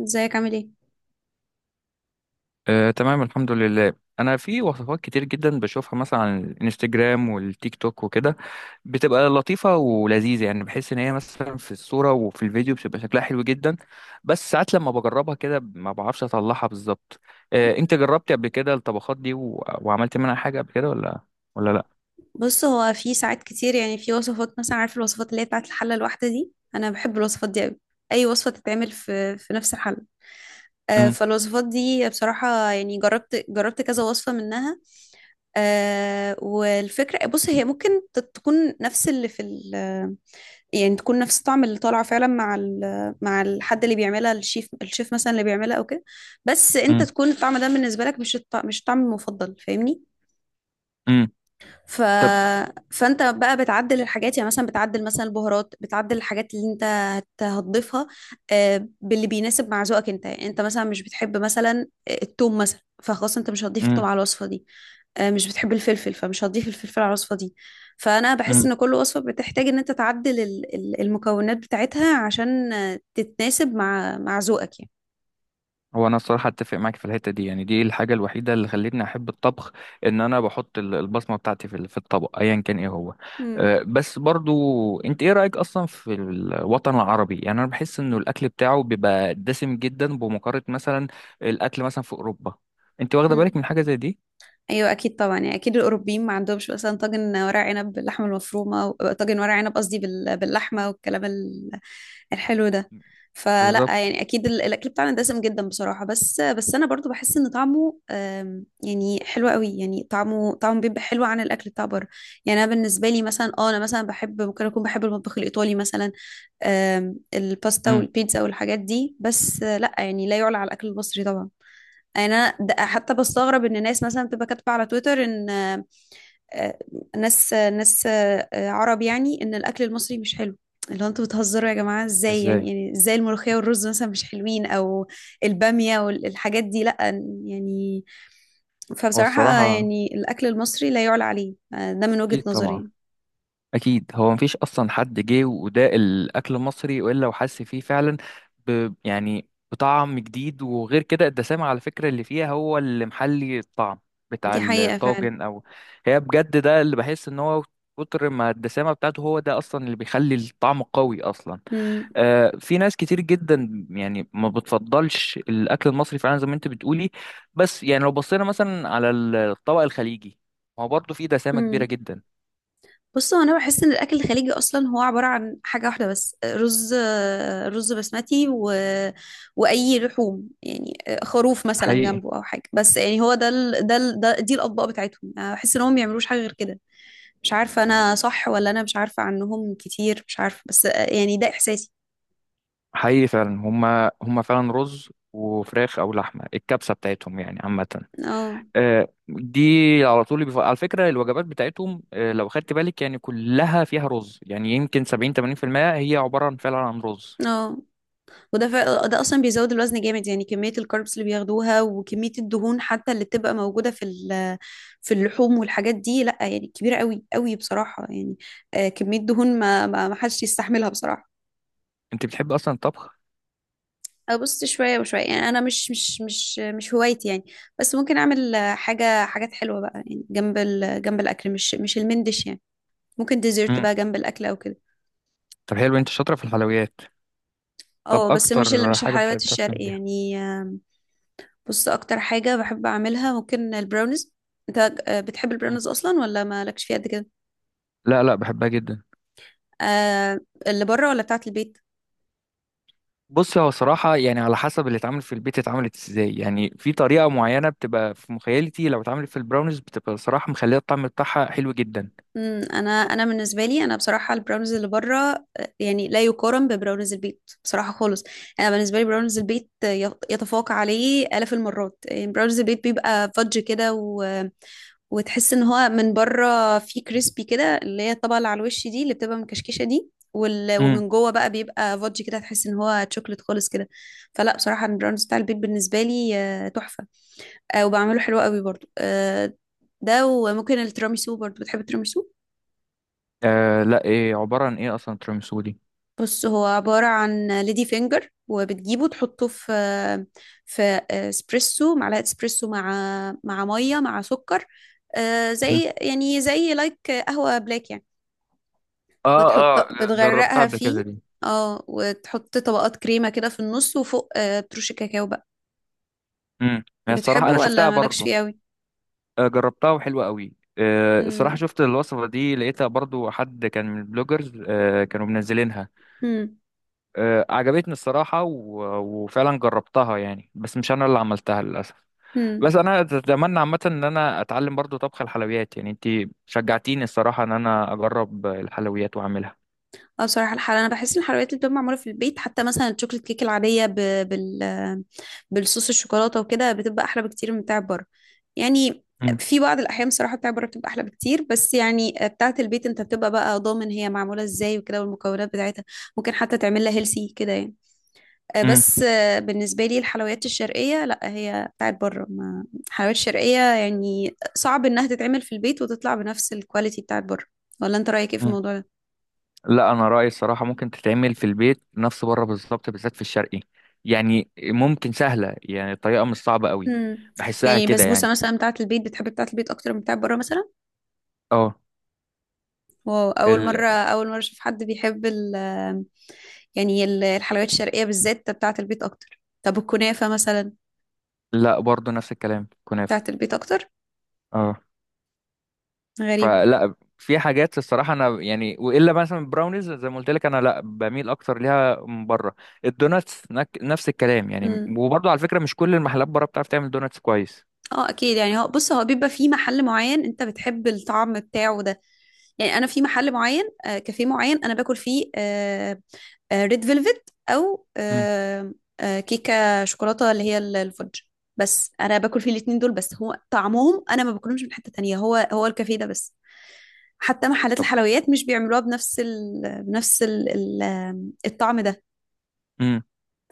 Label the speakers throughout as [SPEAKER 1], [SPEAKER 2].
[SPEAKER 1] ازيك عامل ايه؟
[SPEAKER 2] آه، تمام الحمد لله. انا في وصفات كتير جدا بشوفها مثلا على الانستجرام والتيك توك وكده. بتبقى لطيفه ولذيذه، يعني بحس ان هي مثلا في الصوره وفي الفيديو بتبقى شكلها حلو جدا. بس ساعات لما بجربها كده ما بعرفش اطلعها بالظبط. آه، انت جربتي قبل كده الطبخات دي و... وعملت منها حاجه قبل كده ولا؟ ولا لا.
[SPEAKER 1] بص، هو في ساعات كتير في وصفات مثلا، عارف الوصفات اللي هي بتاعت الحله الواحده دي؟ انا بحب الوصفات دي قوي. اي وصفه تتعمل في نفس الحله. آه،
[SPEAKER 2] امم.
[SPEAKER 1] فالوصفات دي بصراحه جربت كذا وصفه منها. آه، والفكره، بص، هي ممكن تكون نفس اللي في ال... تكون نفس الطعم اللي طالع فعلا مع ال... مع الحد اللي بيعملها، الشيف مثلا اللي بيعملها او كده. بس انت
[SPEAKER 2] امم.
[SPEAKER 1] تكون الطعم ده بالنسبه لك مش مش الطعم المفضل، فاهمني؟
[SPEAKER 2] امم.
[SPEAKER 1] ف...
[SPEAKER 2] طب.
[SPEAKER 1] فانت بقى بتعدل الحاجات، يعني مثلا بتعدل مثلا البهارات، بتعدل الحاجات اللي انت هتضيفها، باللي بيناسب مع ذوقك انت. يعني انت مثلا مش بتحب مثلا التوم مثلا، فخلاص انت مش هتضيف التوم
[SPEAKER 2] امم.
[SPEAKER 1] على الوصفة دي. مش بتحب الفلفل، فمش هتضيف الفلفل على الوصفة دي. فانا بحس
[SPEAKER 2] امم.
[SPEAKER 1] ان كل وصفة بتحتاج ان انت تعدل المكونات بتاعتها عشان تتناسب مع ذوقك يعني.
[SPEAKER 2] هو انا الصراحه اتفق معاك في الحته دي، يعني دي الحاجه الوحيده اللي خلتني احب الطبخ، ان انا بحط البصمه بتاعتي في الطبق ايا كان ايه هو. بس برضو، انت ايه رايك اصلا في الوطن العربي؟ يعني انا بحس انه الاكل بتاعه بيبقى دسم جدا بمقارنه مثلا الاكل مثلا في اوروبا. انت واخده
[SPEAKER 1] مم.
[SPEAKER 2] بالك من حاجه زي دي؟
[SPEAKER 1] ايوه اكيد طبعا، يعني اكيد الاوروبيين ما عندهمش مثلا طاجن ورق عنب باللحمه المفرومه طاجن ورق عنب، قصدي باللحمه والكلام الحلو ده. فلا
[SPEAKER 2] بالظبط.
[SPEAKER 1] يعني اكيد الاكل بتاعنا دسم جدا بصراحه، بس انا برضو بحس ان طعمه يعني حلو قوي، يعني طعمه بيبقى حلو عن الاكل بتاع بره. يعني انا بالنسبه لي مثلا، اه انا مثلا بحب، ممكن اكون بحب المطبخ الايطالي مثلا. الباستا
[SPEAKER 2] امم.
[SPEAKER 1] والبيتزا والحاجات دي، بس لا يعني لا يعلى على الاكل المصري طبعا. انا حتى بستغرب ان ناس مثلا بتبقى كاتبه على تويتر ان آه، ناس ناس عرب، يعني ان الاكل المصري مش حلو. اللي هو انتوا بتهزروا يا جماعه؟ ازاي يعني؟
[SPEAKER 2] ازاي.
[SPEAKER 1] يعني ازاي الملوخيه والرز مثلا مش حلوين؟ او الباميه والحاجات دي؟ لا يعني.
[SPEAKER 2] هو
[SPEAKER 1] فبصراحه
[SPEAKER 2] الصراحه
[SPEAKER 1] يعني الاكل المصري لا يعلى عليه، آه، ده من وجهه
[SPEAKER 2] اكيد طبعا،
[SPEAKER 1] نظري.
[SPEAKER 2] اكيد هو مفيش اصلا حد جه وده الاكل المصري والا وحس فيه فعلا يعني بطعم جديد. وغير كده الدسامه على فكره اللي فيها هو اللي محلي الطعم بتاع
[SPEAKER 1] دي حقيقه فعلا.
[SPEAKER 2] الطاجن او. هي بجد ده اللي بحس ان هو كتر ما الدسامه بتاعته هو ده اصلا اللي بيخلي الطعم قوي اصلا. آه، في ناس كتير جدا يعني ما بتفضلش الاكل المصري فعلا زي ما انت بتقولي. بس يعني لو بصينا مثلا على الطبق الخليجي، هو برضه فيه دسامه كبيره
[SPEAKER 1] امم.
[SPEAKER 2] جدا.
[SPEAKER 1] بص، هو انا بحس ان الاكل الخليجي اصلا هو عباره عن حاجه واحده بس، رز. رز بسمتي واي لحوم يعني، خروف مثلا
[SPEAKER 2] حقيقي.
[SPEAKER 1] جنبه او حاجه، بس يعني هو ده دي الاطباق بتاعتهم. أنا بحس ان هم ما بيعملوش حاجه غير كده. مش عارفه انا صح؟ ولا انا مش عارفه عنهم كتير، مش عارفه، بس يعني ده احساسي.
[SPEAKER 2] حقيقي فعلا، هما هما فعلا رز وفراخ او لحمه الكبسه بتاعتهم يعني عامه.
[SPEAKER 1] اه.
[SPEAKER 2] آه، دي على طول على فكره الوجبات بتاعتهم، آه، لو خدت بالك، يعني كلها فيها رز، يعني يمكن 70 80% هي عباره عن فعلا عن رز.
[SPEAKER 1] اه، وده ده اصلا بيزود الوزن جامد، يعني كميه الكاربس اللي بياخدوها وكميه الدهون حتى اللي بتبقى موجوده في اللحوم والحاجات دي، لا يعني كبيره قوي قوي بصراحه يعني. آه، كميه دهون ما ما ما حدش يستحملها بصراحه.
[SPEAKER 2] انت بتحب اصلا الطبخ؟
[SPEAKER 1] ابص، شويه وشويه يعني، انا مش هوايتي يعني. بس ممكن اعمل، حاجه، حاجات حلوه بقى يعني جنب الاكل، مش مش المندش يعني. ممكن ديزرت
[SPEAKER 2] امم.
[SPEAKER 1] بقى جنب الاكل او كده.
[SPEAKER 2] طب حلو، انت شاطره في الحلويات. طب
[SPEAKER 1] اه، بس مش اللي،
[SPEAKER 2] اكتر
[SPEAKER 1] مش
[SPEAKER 2] حاجه بتحب
[SPEAKER 1] الحلويات
[SPEAKER 2] بتعرف
[SPEAKER 1] الشرقي
[SPEAKER 2] تعمليها؟
[SPEAKER 1] يعني. بص، اكتر حاجة بحب اعملها ممكن البراونيز. انت بتحب
[SPEAKER 2] مم.
[SPEAKER 1] البراونيز اصلا ولا مالكش فيها قد كده؟
[SPEAKER 2] لا لا، بحبها جدا.
[SPEAKER 1] آه. اللي بره ولا بتاعت البيت؟
[SPEAKER 2] بص هو صراحة يعني على حسب اللي اتعمل في البيت اتعملت ازاي، يعني في طريقة معينة بتبقى في مخيلتي لو اتعملت في البراونيز بتبقى صراحة مخلية الطعم بتاعها حلو جدا.
[SPEAKER 1] امم، انا بالنسبه لي، انا بصراحه البراونيز اللي بره، يعني لا يقارن ببراونيز البيت بصراحه خالص. انا بالنسبه لي براونيز البيت، يتفوق عليه آلاف المرات. يعني براونيز البيت بيبقى فudge كده، وتحس ان هو من بره فيه كريسبي كده، اللي هي الطبقه اللي على الوش دي اللي بتبقى مكشكشه دي،
[SPEAKER 2] امم.
[SPEAKER 1] ومن جوه بقى بيبقى فودجي كده، تحس ان هو تشوكلت خالص كده. فلا بصراحه البراونيز بتاع البيت بالنسبه لي، تحفه. وبعمله حلو قوي برضو. ده، وممكن التيراميسو برضو. بتحب التيراميسو؟
[SPEAKER 2] آه لا، ايه عبارة عن ايه اصلا تيراميسو دي؟
[SPEAKER 1] بص، هو عبارة عن ليدي فينجر، وبتجيبه تحطه في في اسبريسو، معلقة اسبريسو مع مية مع سكر.
[SPEAKER 2] امم.
[SPEAKER 1] زي يعني زي لايك قهوة بلاك يعني.
[SPEAKER 2] اه.
[SPEAKER 1] وتحط،
[SPEAKER 2] اه جربتها
[SPEAKER 1] بتغرقها
[SPEAKER 2] قبل كده
[SPEAKER 1] فيه.
[SPEAKER 2] دي.
[SPEAKER 1] اه، وتحط طبقات كريمة كده في النص وفوق، ترش كاكاو بقى.
[SPEAKER 2] امم. هي الصراحة
[SPEAKER 1] بتحبه
[SPEAKER 2] انا
[SPEAKER 1] ولا
[SPEAKER 2] شفتها
[SPEAKER 1] مالكش
[SPEAKER 2] برضو.
[SPEAKER 1] فيه قوي؟
[SPEAKER 2] آه جربتها وحلوة قوي. الصراحة
[SPEAKER 1] امم.
[SPEAKER 2] شفت الوصفة دي لقيتها برضو حد كان من البلوجرز آه كانوا منزلينها.
[SPEAKER 1] امم.
[SPEAKER 2] آه عجبتني الصراحة، و... وفعلا جربتها يعني بس مش انا اللي عملتها للأسف.
[SPEAKER 1] امم.
[SPEAKER 2] بس انا اتمنى عامه ان انا اتعلم برضو طبخ الحلويات. يعني انت شجعتيني الصراحه ان انا اجرب الحلويات واعملها.
[SPEAKER 1] اه، بصراحة الحلويات انا بحس ان الحلويات اللي بتبقى معمولة في البيت، حتى مثلا الشوكليت كيك العادية، ب... بال بالصوص الشوكولاتة وكده، بتبقى احلى بكتير من بتاع بره يعني.
[SPEAKER 2] مم.
[SPEAKER 1] في بعض الاحيان بصراحة بتاع بره بتبقى احلى بكتير، بس يعني بتاعة البيت، انت بتبقى بقى ضامن هي معمولة ازاي وكده، والمكونات بتاعتها، ممكن حتى تعمل لها هيلسي كده يعني. آه،
[SPEAKER 2] مم.
[SPEAKER 1] بس آه، بالنسبة لي الحلويات الشرقية، لا، هي بتاعت بره، ما الحلويات الشرقية يعني صعب انها تتعمل في البيت وتطلع بنفس الكواليتي بتاعت بره. ولا انت رأيك ايه في
[SPEAKER 2] مم.
[SPEAKER 1] الموضوع ده؟
[SPEAKER 2] لا انا رايي الصراحه ممكن تتعمل في البيت نفس بره بالظبط، بالذات في الشرقي. يعني ممكن سهله، يعني الطريقه مش صعبه قوي.
[SPEAKER 1] امم.
[SPEAKER 2] بحسها
[SPEAKER 1] يعني
[SPEAKER 2] كده يعني.
[SPEAKER 1] البسبوسة مثلا بتاعت البيت، بتحب بتاعت البيت اكتر من بتاعت بره مثلا؟
[SPEAKER 2] اه.
[SPEAKER 1] واو،
[SPEAKER 2] ال...
[SPEAKER 1] اول مرة اشوف حد بيحب ال... يعني الحلويات الشرقية بالذات بتاعت البيت اكتر. طب الكنافة مثلا؟
[SPEAKER 2] لا برضو نفس الكلام، كنافه.
[SPEAKER 1] بتاعت البيت اكتر؟
[SPEAKER 2] اه.
[SPEAKER 1] غريب.
[SPEAKER 2] فلا في حاجات الصراحه انا يعني، والا مثلا البراونيز زي ما قلت لك انا لا بميل اكتر ليها من بره. الدوناتس نفس الكلام يعني.
[SPEAKER 1] امم.
[SPEAKER 2] وبرضه على فكره مش كل المحلات بره بتعرف تعمل دوناتس كويس.
[SPEAKER 1] اه اكيد يعني، هو بص، هو بيبقى في محل معين انت بتحب الطعم بتاعه ده يعني. انا في محل معين، كافيه معين انا باكل فيه ريد فيلفت او
[SPEAKER 2] مم.
[SPEAKER 1] كيكه شوكولاته اللي هي الفudge، بس انا باكل فيه الاتنين دول بس. هو طعمهم انا ما باكلهمش من حته تانية، هو الكافيه ده بس. حتى محلات
[SPEAKER 2] طب.
[SPEAKER 1] الحلويات مش بيعملوها الطعم ده.
[SPEAKER 2] مم.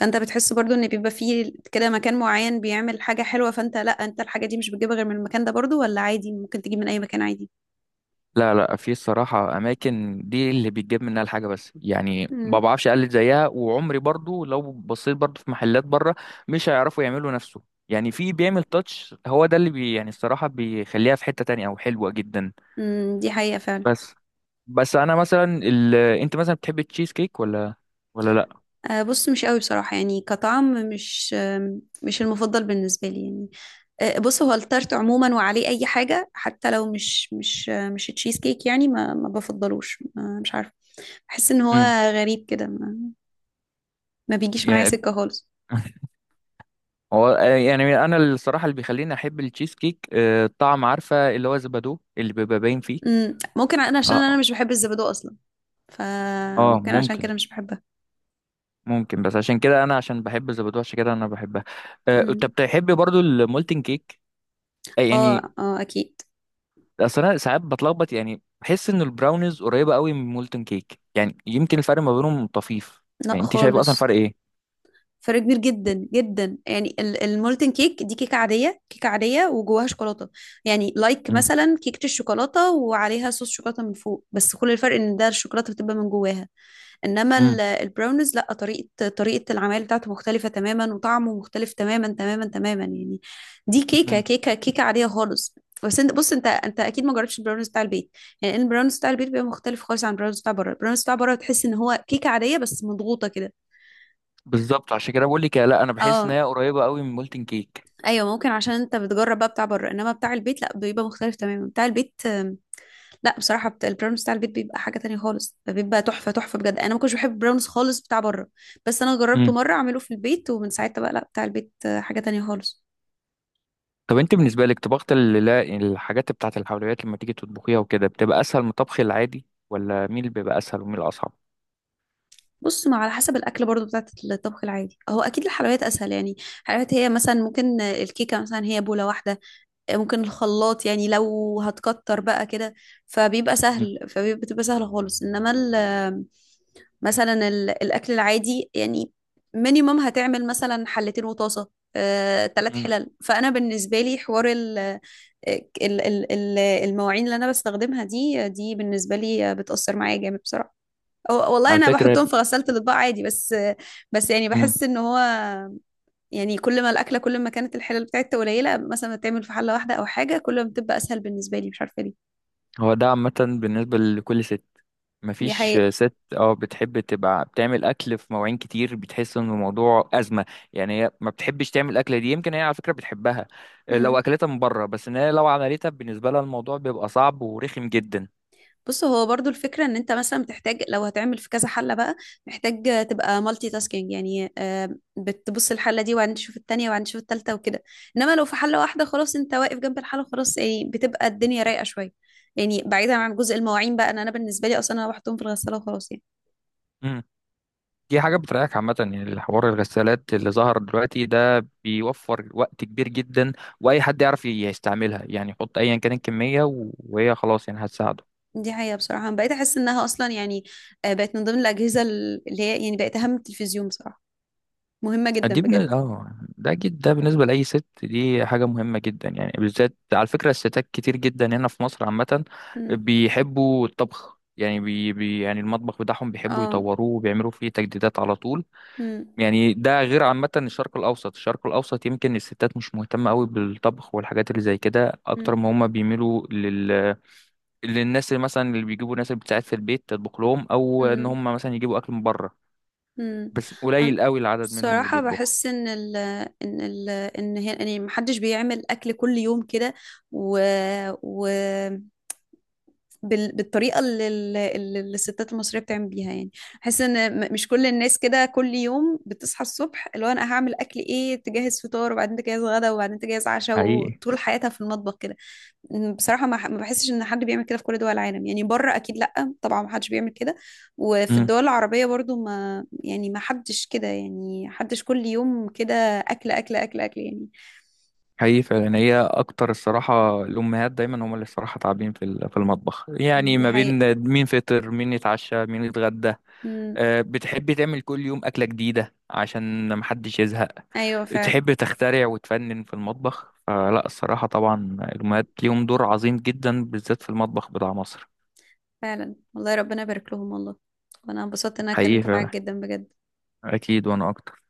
[SPEAKER 1] فانت بتحس برضو ان بيبقى فيه كده مكان معين بيعمل حاجة حلوة، فانت لا، انت الحاجة دي مش بتجيبها غير من المكان ده؟ برضو، ولا عادي ممكن تجيب من اي مكان عادي؟
[SPEAKER 2] لا لا، في الصراحه اماكن دي اللي بيتجاب منها الحاجه، بس يعني ما
[SPEAKER 1] امم.
[SPEAKER 2] بعرفش اقلد زيها، وعمري برضه لو بصيت برضه في محلات بره مش هيعرفوا يعملوا نفسه. يعني في بيعمل تاتش هو ده اللي يعني الصراحه بيخليها في حته تانية او حلوه جدا.
[SPEAKER 1] دي حقيقة فعلا.
[SPEAKER 2] بس بس انا مثلا انت مثلا بتحب التشيز كيك ولا ولا لا؟
[SPEAKER 1] آه، بص، مش قوي بصراحة يعني، كطعم مش، مش المفضل بالنسبة لي يعني. آه، بص، هو التارت عموما وعليه أي حاجة، حتى لو مش تشيز كيك يعني، ما ما بفضلوش، ما مش عارفة. بحس إن هو
[SPEAKER 2] امم.
[SPEAKER 1] غريب كده، ما بيجيش معايا
[SPEAKER 2] يعني
[SPEAKER 1] سكة خالص.
[SPEAKER 2] هو يعني انا الصراحه اللي بيخليني احب التشيز كيك آه، الطعم عارفه اللي هو زبادو اللي بيبقى باين فيه.
[SPEAKER 1] مم، ممكن أنا عشان أنا
[SPEAKER 2] اه.
[SPEAKER 1] مش بحب الزبادو أصلا،
[SPEAKER 2] اه
[SPEAKER 1] فممكن عشان
[SPEAKER 2] ممكن.
[SPEAKER 1] كده مش بحبها.
[SPEAKER 2] ممكن بس عشان كده انا، عشان بحب الزبادو عشان كده انا بحبها. آه، انت
[SPEAKER 1] مم.
[SPEAKER 2] بتحب برضو المولتن كيك؟ يعني
[SPEAKER 1] اه، أكيد.
[SPEAKER 2] اصل انا ساعات بتلخبط، يعني بحس ان البراونيز قريبه قوي من المولتن كيك، يعني يمكن الفرق ما بينهم طفيف.
[SPEAKER 1] لا
[SPEAKER 2] يعني انت شايف اصلا
[SPEAKER 1] خالص،
[SPEAKER 2] فرق ايه؟
[SPEAKER 1] فرق كبير جدا جدا. يعني المولتن كيك دي كيكة عادية، وجواها شوكولاتة. يعني لايك مثلا كيكة الشوكولاتة وعليها صوص شوكولاتة من فوق، بس كل الفرق ان ده الشوكولاتة بتبقى من جواها. انما
[SPEAKER 2] امم.
[SPEAKER 1] البراونيز لا، طريقة العمل بتاعته مختلفة تماما، وطعمه مختلف تماما يعني. دي كيكة عادية خالص. بس انت، بص، انت انت اكيد ما جربتش البراونيز بتاع البيت. يعني البراونيز بتاع البيت بيبقى مختلف خالص عن البراونيز بتاع بره. البراونيز بتاع بره تحس ان هو كيكة عادية بس مضغوطة كده.
[SPEAKER 2] بالظبط، عشان كده بقول لك لا انا بحس ان
[SPEAKER 1] اه.
[SPEAKER 2] هي قريبه قوي من مولتن كيك.
[SPEAKER 1] ايوه، ممكن عشان انت بتجرب بقى بتاع بره، انما بتاع البيت لا، بيبقى مختلف تماما. بتاع البيت، لا بصراحه بتاع البراونس بتاع البيت بيبقى حاجه تانية خالص، بيبقى تحفه بجد. انا ما كنتش بحب البراونس خالص بتاع بره، بس انا جربته
[SPEAKER 2] امم.
[SPEAKER 1] مره اعمله في البيت، ومن ساعتها بقى لا، بتاع البيت حاجه تانية خالص.
[SPEAKER 2] طب انت بالنسبه لك طبخت ال- لا، الحاجات بتاعه الحلويات لما تيجي تطبخيها وكده بتبقى اسهل من الطبخ العادي، ولا مين اللي بيبقى اسهل ومين الاصعب؟
[SPEAKER 1] بص، ما على حسب الاكل برضو بتاعت الطبخ العادي، هو اكيد الحلويات اسهل يعني. الحلويات هي مثلا ممكن، الكيكه مثلا هي بوله واحده، ممكن الخلاط يعني لو هتكتر بقى كده، فبيبقى
[SPEAKER 2] امم.
[SPEAKER 1] سهل، فبتبقى سهله خالص. انما ال... مثلا الاكل العادي يعني، مينيمم هتعمل مثلا حلتين وطاسه، تلات
[SPEAKER 2] امم.
[SPEAKER 1] حلل. فانا بالنسبه لي حوار ال... ال- المواعين اللي انا بستخدمها دي، بالنسبه لي بتاثر معايا جامد بصراحه. والله
[SPEAKER 2] على
[SPEAKER 1] انا
[SPEAKER 2] فكره.
[SPEAKER 1] بحطهم في غساله الاطباق عادي، بس
[SPEAKER 2] امم.
[SPEAKER 1] بحس ان هو، يعني كل ما الاكله، كل ما كانت الحلل بتاعتها قليله، مثلا بتعمل في حله واحده او حاجه، كل ما بتبقى اسهل بالنسبه لي، مش عارفه ليه.
[SPEAKER 2] هو ده عامه بالنسبه لكل ست.
[SPEAKER 1] دي
[SPEAKER 2] مفيش
[SPEAKER 1] حقيقه.
[SPEAKER 2] ست اه بتحب تبقى بتعمل اكل في مواعين كتير، بتحس ان الموضوع ازمه. يعني هي ما بتحبش تعمل اكله دي، يمكن هي على فكره بتحبها لو اكلتها من بره، بس ان هي لو عملتها بالنسبه لها الموضوع بيبقى صعب ورخم جدا.
[SPEAKER 1] بص، هو برضو الفكرة ان انت مثلا بتحتاج، لو هتعمل في كذا حلة بقى، محتاج تبقى مالتي تاسكينج يعني. بتبص الحلة دي، وبعدين تشوف التانية، وبعدين تشوف التالتة وكده. انما لو في حلة واحدة خلاص، انت واقف جنب الحلة خلاص، يعني بتبقى الدنيا رايقة شوية. يعني بعيدا عن جزء المواعين بقى، انا بالنسبة لي اصلا انا بحطهم في الغسالة وخلاص يعني.
[SPEAKER 2] دي حاجة بتريحك عامة. يعني الحوار الغسالات اللي ظهر دلوقتي ده بيوفر وقت كبير جدا. وأي حد يعرف يستعملها، يعني يحط أيا كان الكمية وهي خلاص يعني هتساعده.
[SPEAKER 1] دي حقيقة بصراحة، أنا بقيت احس انها اصلا يعني، بقت من ضمن الأجهزة اللي هي يعني بقت اهم من التلفزيون بصراحة، مهمة جدا
[SPEAKER 2] دي بن...
[SPEAKER 1] بجد.
[SPEAKER 2] اه ده جد، ده بالنسبة لأي ست دي حاجة مهمة جدا، يعني بالذات على فكرة الستات كتير جدا هنا في مصر عامة
[SPEAKER 1] مم.
[SPEAKER 2] بيحبوا الطبخ. يعني يعني المطبخ بتاعهم بيحبوا
[SPEAKER 1] اه.
[SPEAKER 2] يطوروه وبيعملوا فيه تجديدات على طول.
[SPEAKER 1] مم.
[SPEAKER 2] يعني ده غير عامة الشرق الأوسط، الشرق الأوسط يمكن الستات مش مهتمة قوي بالطبخ والحاجات اللي زي كده، أكتر
[SPEAKER 1] مم.
[SPEAKER 2] ما هما بيميلوا للناس اللي مثلا اللي بيجيبوا ناس اللي بتساعد في البيت تطبخ لهم، أو إن
[SPEAKER 1] مم.
[SPEAKER 2] هما مثلا يجيبوا أكل من بره.
[SPEAKER 1] امم.
[SPEAKER 2] بس
[SPEAKER 1] أنا
[SPEAKER 2] قليل قوي العدد منهم اللي
[SPEAKER 1] بصراحة
[SPEAKER 2] بيطبخوا.
[SPEAKER 1] بحس ان ال... ان هي يعني محدش بيعمل اكل كل يوم كده، و, و بالطريقة اللي الستات المصرية بتعمل بيها يعني. بحس ان مش كل الناس كده كل يوم بتصحى الصبح اللي هو انا هعمل اكل ايه، تجهز فطار، وبعدين تجهز غدا، وبعدين تجهز عشاء،
[SPEAKER 2] حقيقي.
[SPEAKER 1] وطول حياتها في المطبخ كده. بصراحة ما بحسش ان حد بيعمل كده في كل دول العالم يعني، بره اكيد لا طبعا، ما حدش بيعمل كده. وفي
[SPEAKER 2] امم.
[SPEAKER 1] الدول العربية برضو ما يعني، ما حدش كده يعني، حدش كل يوم كده، اكل يعني.
[SPEAKER 2] حقيقي فعلا، هي أكتر الصراحة الأمهات دايما هما اللي الصراحة تعبين في في المطبخ، يعني
[SPEAKER 1] دي
[SPEAKER 2] ما
[SPEAKER 1] حقيقة.
[SPEAKER 2] بين مين فطر، مين يتعشى، مين يتغدى.
[SPEAKER 1] امم.
[SPEAKER 2] آه، بتحبي تعمل كل يوم أكلة جديدة عشان محدش يزهق.
[SPEAKER 1] ايوه فعلا.
[SPEAKER 2] تحب تخترع وتفنن في المطبخ. فلا الصراحة طبعا الأمهات ليهم دور عظيم جدا بالذات في المطبخ بتاع مصر.
[SPEAKER 1] فعلا والله، ربنا يبارك لهم والله. وانا انبسطت ان انا
[SPEAKER 2] حقيقي
[SPEAKER 1] اتكلمت معاك
[SPEAKER 2] فعلا.
[SPEAKER 1] جدا بجد.
[SPEAKER 2] أكيد وأنا أكتر.